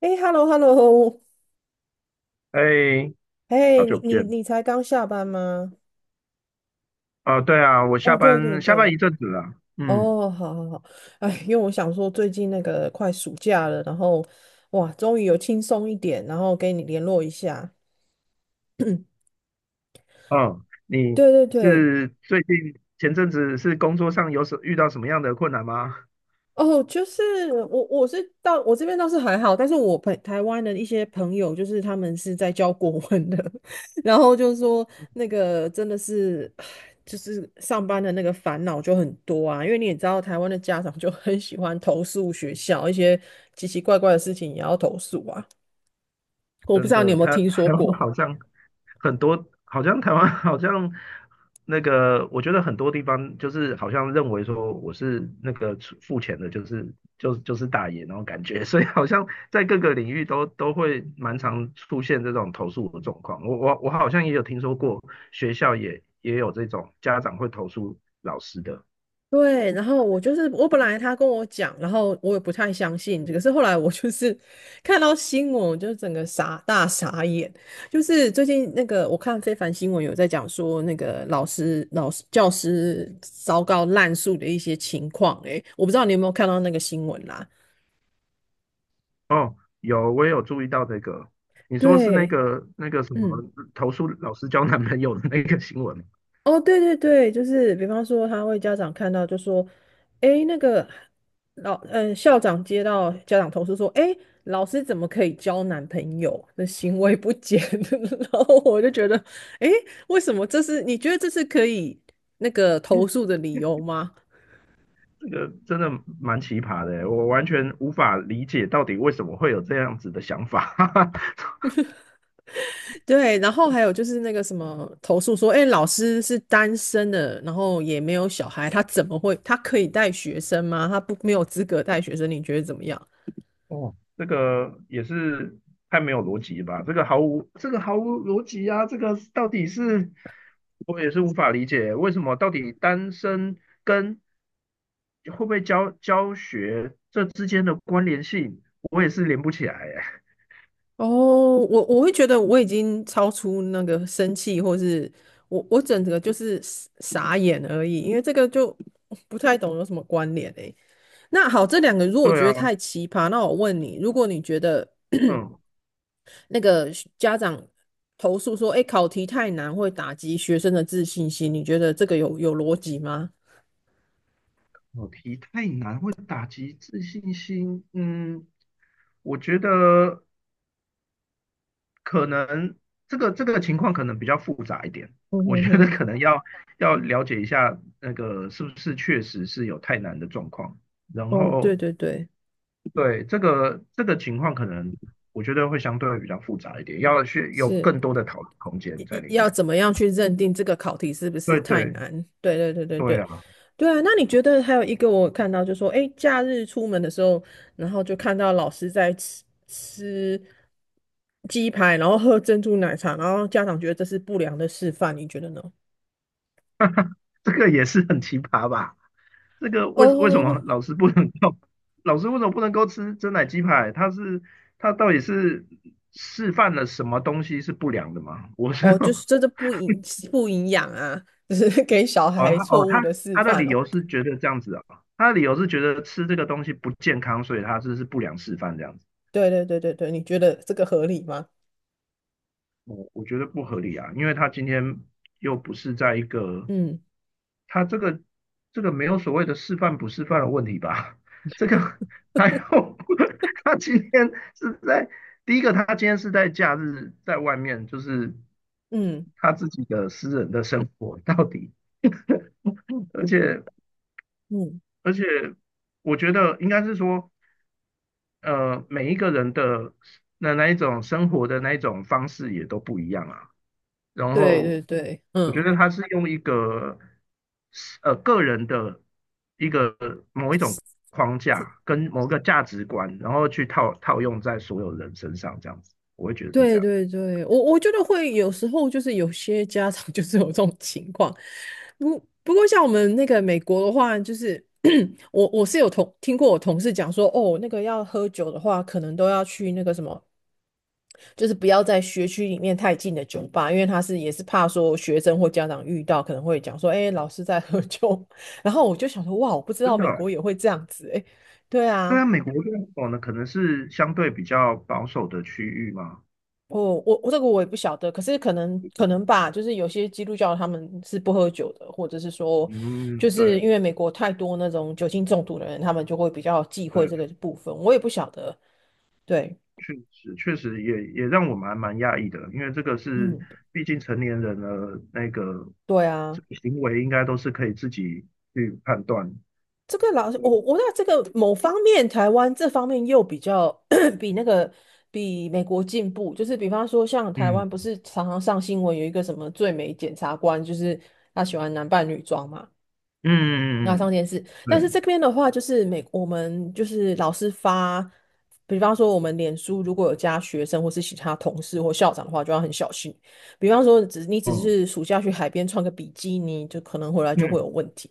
哎，hello，hello，哎，哎，好你久不你见。你才刚下班吗？哦，对啊，我哦，下对对班下班一对。阵子了。嗯。哦，好好好。哎，因为我想说最近那个快暑假了，然后哇，终于有轻松一点，然后跟你联络一下。哦，你对对对。是最近前阵子是工作上遇到什么样的困难吗？哦，就是我是到我这边倒是还好，但是台湾的一些朋友，就是他们是在教国文的，然后就说那个真的是，唉，就是上班的那个烦恼就很多啊，因为你也知道台湾的家长就很喜欢投诉学校，一些奇奇怪怪的事情也要投诉啊。我不真知道你有的，没有他听说他湾过。好像很多，好像台湾 好像那个，我觉得很多地方就是好像认为说我是那个付钱的，就是就是大爷那种感觉，所以好像在各个领域都会蛮常出现这种投诉的状况。我好像也有听说过，学校也有这种家长会投诉老师的。对，然后我就是我本来他跟我讲，然后我也不太相信，可是后来我就是 看到新闻，我就整个傻眼。就是最近那个我看非凡新闻有在讲说那个老师、老师、教师糟糕滥诉的一些情况。诶，我不知道你有没有看到那个新闻啦？哦，有，我也有注意到这个。你说是那对，个那个什么嗯。投诉老师交男朋友的那个新闻吗？哦，对对对，就是比方说，家长看到就说，诶，那个校长接到家长投诉说，诶，老师怎么可以交男朋友的行为不检？然后我就觉得，诶，为什么你觉得这是可以那个投诉的理由吗？这个真的蛮奇葩的欸，我完全无法理解到底为什么会有这样子的想法。对。然后还有就是那个什么投诉说，哎，老师是单身的，然后也没有小孩，他怎么会他可以带学生吗？他不没有资格带学生，你觉得怎么样？哦，这个也是太没有逻辑吧？这个毫无逻辑啊！这个到底是我也是无法理解，为什么到底单身跟会不会教学这之间的关联性，我也是连不起来耶。哦，我会觉得我已经超出那个生气，或是我整个就是傻眼而已，因为这个就不太懂有什么关联诶。那好，这两个如果对觉啊。得太奇葩，那我问你，如果你觉得嗯。那个家长投诉说，哎，考题太难会打击学生的自信心，你觉得这个有逻辑吗？考题太难会打击自信心，嗯，我觉得，可能这个情况可能比较复杂一点，嗯我哼觉得哼。可能要了解一下那个是不是确实是有太难的状况，然哦，对后，对对，对，这个情况可能，我觉得会相对比较复杂一点，要去有是更多的讨论空间在里要面。怎么样去认定这个考题是不是对太对，难？对对对对对对。啊。对啊，那你觉得还有一个我看到就说，诶，假日出门的时候，然后就看到老师在吃鸡排，然后喝珍珠奶茶，然后家长觉得这是不良的示范，你觉得呢？这个也是很奇葩吧？这个为为什哦么老师不能够，老师为什么不能够吃真奶鸡排？他到底是示范了什么东西是不良的吗？我是哦，就是真的不营养啊，就是给小哦，孩他错哦，误他的示他的范理哦。由是觉得这样子啊，他的理由是觉得吃这个东西不健康，所以他这是不良示范这样子。对对对对对，你觉得这个合理吗？我觉得不合理啊，因为他今天又不是在一个嗯他这个这个没有所谓的示范不示范的问题吧？这个还有 他今天是在第一个，他今天是在假日在外面，就是嗯他自己的私人的生活到底。而且嗯，而且我觉得应该是说。每一个人的那一种生活的那一种方式也都不一样啊。然对后对对，我觉嗯。得他是用一个个人的一个某一种框架跟某个价值观，然后去套用在所有人身上，这样子，我会觉得是这对样。对对，我觉得会有时候就是有些家长 就是有这种情况。不不过像我们那个美国的话，就是 我是有听过我同事讲说，哦，那个要喝酒的话，可能都要去那个什么，就是不要在学区里面太近的酒吧，因为也是怕说学生或家长遇到可能会讲说，哎，老师在喝酒。然后我就想说，哇，我不知道真的。美国也会这样子，哎，对对啊，啊。美国这种哦呢，可能是相对比较保守的区域嘛。哦，我这个我也不晓得，可是可能吧，就是有些基督教他们是不喝酒的，或者是说，就嗯，是对因为美国太多那种酒精中毒的人，他们就会比较忌讳对。这个部分，我也不晓得。对。确实也让我们还蛮讶异的，因为这个是嗯，毕竟成年人的那个，对这啊，个行为应该都是可以自己去判断。这个老师我对。我那这个某方面，台湾这方面又比较 比那个比美国进步，就是比方说像台湾不嗯是常常上新闻有一个什么最美检察官，就是他喜欢男扮女装嘛。嗯那嗯上嗯，电视，但是对，这边的话，就是我们就是老师发，比方说我们脸书如果有加学生或是其他同事或校长的话，就要很小心。比方说你只哦，是暑假去海边穿个比基尼，就可能回来就会嗯，有问题。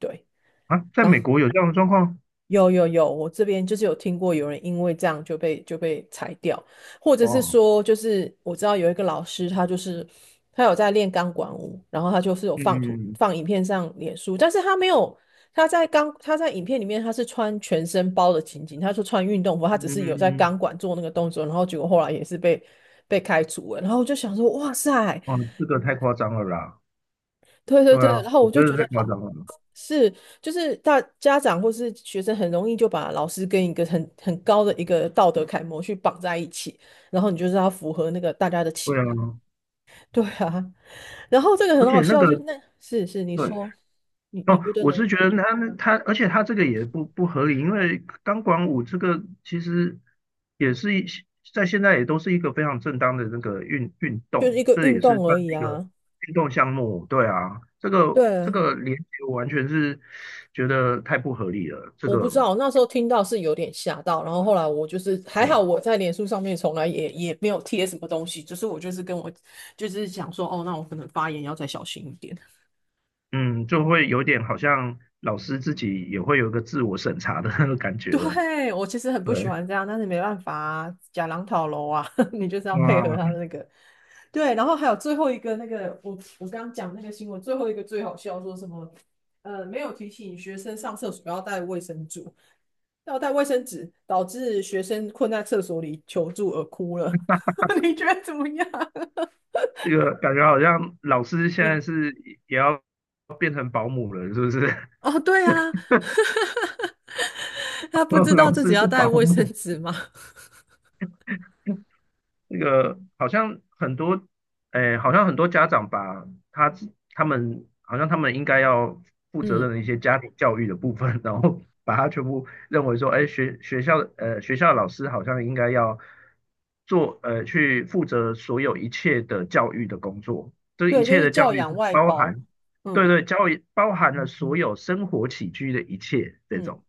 对。啊，在然美后国有这样的状况。有有有，我这边就是有听过有人因为这样就被裁掉，或者是哇，说，就是我知道有一个老师，他就是他有在练钢管舞，然后他就是有嗯放影片上脸书，但是他没有他在影片里面他是穿全身包的情景，他说穿运动服，他嗯只是有在嗯。钢管做那个动作，然后结果后来也是被开除了，然后我就想说，哇塞。哦，这个太夸张了啦，对对对对，啊，然后我我觉就觉得太得夸好张了，是，就是大家长或是学生很容易就把老师跟一个很高的一个道德楷模去绑在一起，然后你就是要符合那个大家的对期啊。待。对啊，然后这个而很且好那笑，就是个，那是你对。说，你哦，觉得我呢？是觉得他，而且他这个也不合理，因为钢管舞这个其实也是一在现在也都是一个非常正当的那个运运就是动，一个这也运是动算而已是一个啊。运动项目，对啊，这个这对。个连接我完全是觉得太不合理了。这我不个知道，那时候听到是有点吓到，然后后来我就是还好，呃我在脸书上面从来也没有贴什么东西，只是我就是就是想说，哦，那我可能发言要再小心一点。嗯就会有点好像老师自己也会有一个自我审查的那个感 觉了。对，我其实很不喜对。欢这样，但是没办法啊，假狼讨楼啊，你就是要配哇。合他嗯的那个。对。然后还有最后一个那个，我刚刚讲那个新闻，最后一个最好笑，说什么没有提醒学生上厕所要带卫生纸，要带卫生纸，导致学生困在厕所里求助而哭了。你觉得怎么样？这个感觉好像老师 现嗯。在是也要变成保姆了，是不是？哦，对啊。他不知 道老自己师要是带保卫生姆，纸吗？那个好像很多。哎，好像很多家长把他们好像他们应该要负责任嗯。的一些家庭教育的部分，然后 把它全部认为说，哎，学校的老师好像应该要去负责所有一切的教育的工作，这一对，就切是的教教育养是外包包。含，对嗯对，教育包含了所有生活起居的一切这嗯。种。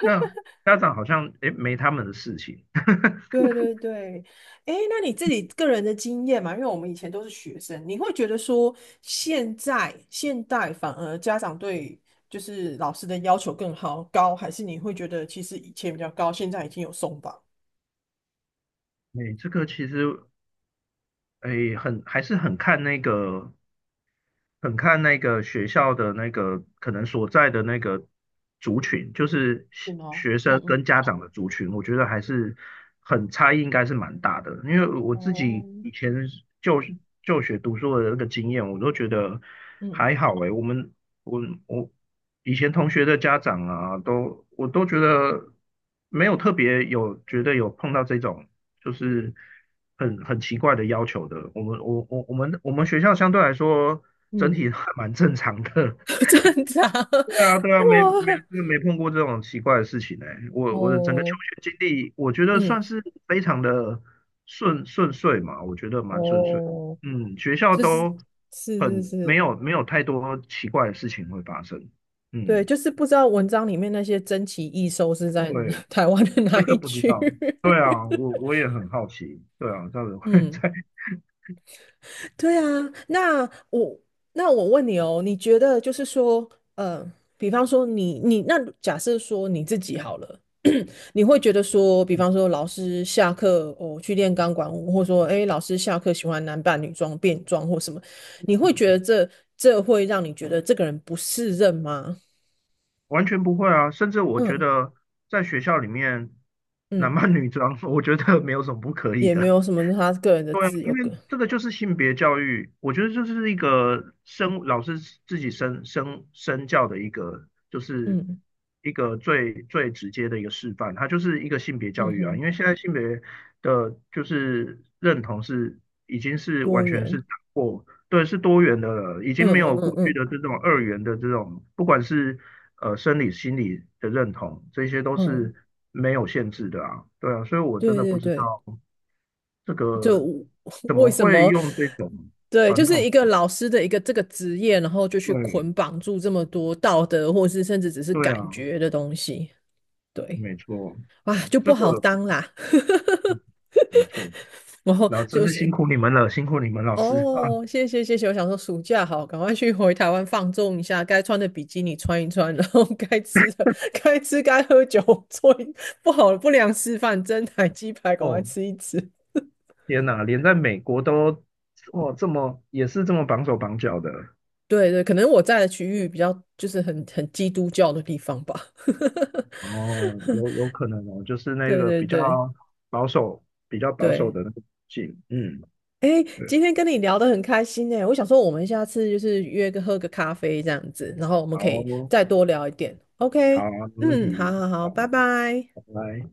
那家长好像，哎，没他们的事情。对对对。哎，那你自己个人的经验嘛，因为我们以前都是学生，你会觉得说现代反而家长对就是老师的要求更高，还是你会觉得其实以前比较高，现在已经有松绑？哎，这个其实诶，很还是很看那个，很看那个学校的那个可能所在的那个族群，就是学对哦，学嗯生跟嗯。家长的族群，我觉得还是很差异，应该是蛮大的。因为我自哦，己以前就嗯就学读书的那个经验，我都觉得嗯。还好诶。我们我我以前同学的家长啊，我都觉得没有特别有觉得有碰到这种。就是很奇怪的要求的。我们我我我们我们学校相对来说整嗯。体还蛮正常的。正常。对啊，对 啊，没没哇。没碰过这种奇怪的事情哎。我的整个哦。求学经历，我觉得嗯。算是非常的顺遂嘛，我觉得蛮顺遂。哦。嗯，学校就是都是是很没是。有没有太多奇怪的事情会发生。对，嗯，就是不知道文章里面那些珍奇异兽是在 对，台湾的哪真一的不知区。道。对啊，我也很好奇。对啊，到底会 嗯。在对啊。那我那我问你哦，你觉得就是说，呃，比方说你那假设说你自己好了。你会觉得说，比方说老师下课去练钢管舞，或者说诶老师下课喜欢男扮女装、变装或什么，你会觉得这会让你觉得这个人不适任吗？完全不会啊，甚至我觉嗯得在学校里面男嗯。扮女装，我觉得没有什么不可以也没的。有什么，他个人的对啊，自因由。为这个就是性别教育，我觉得就是一个老师自己身教的一个，就是嗯一个最直接的一个示范，它就是一个性别教嗯育啊。哼。因为现在性别的就是认同是已经是完多全是元。打破，对，是多元的了，已经嗯没嗯有嗯过去嗯。的这种二元的这种，不管是生理、心理的认同，这些都嗯。是没有限制的啊。对啊，所以我真对的不对知对，道。这就 个 怎为么什会么？用这种对，就传是一统个的。老师的一个这个职业，然后就去对捆绑住这么多道德，或是甚至只是对啊，感觉的东西。对。没错，啊，就不这个好当啦。没错。然后真就是是，辛苦你们了，辛苦你们老师啊！哦，谢谢谢谢。我想说暑假好，赶快去回台湾放纵一下，该穿的比基尼穿一穿，然后该吃该喝酒，做一不好的不良示范，蒸奶鸡排赶快哦，吃一吃。天哪，连在美国都，哇，这么也是这么绑手绑脚的。对对，可能我在的区域比较就是很基督教的地方吧。哦，有可能哦，就是那对个对比较对保守、比较保守对。的那个性，嗯，哎，对，今天跟你聊得很开心哎，我想说我们下次就是约个喝个咖啡这样子，然后我们可以好，再多聊一点。好，OK。没问嗯，好题，好好，好，拜拜。拜拜。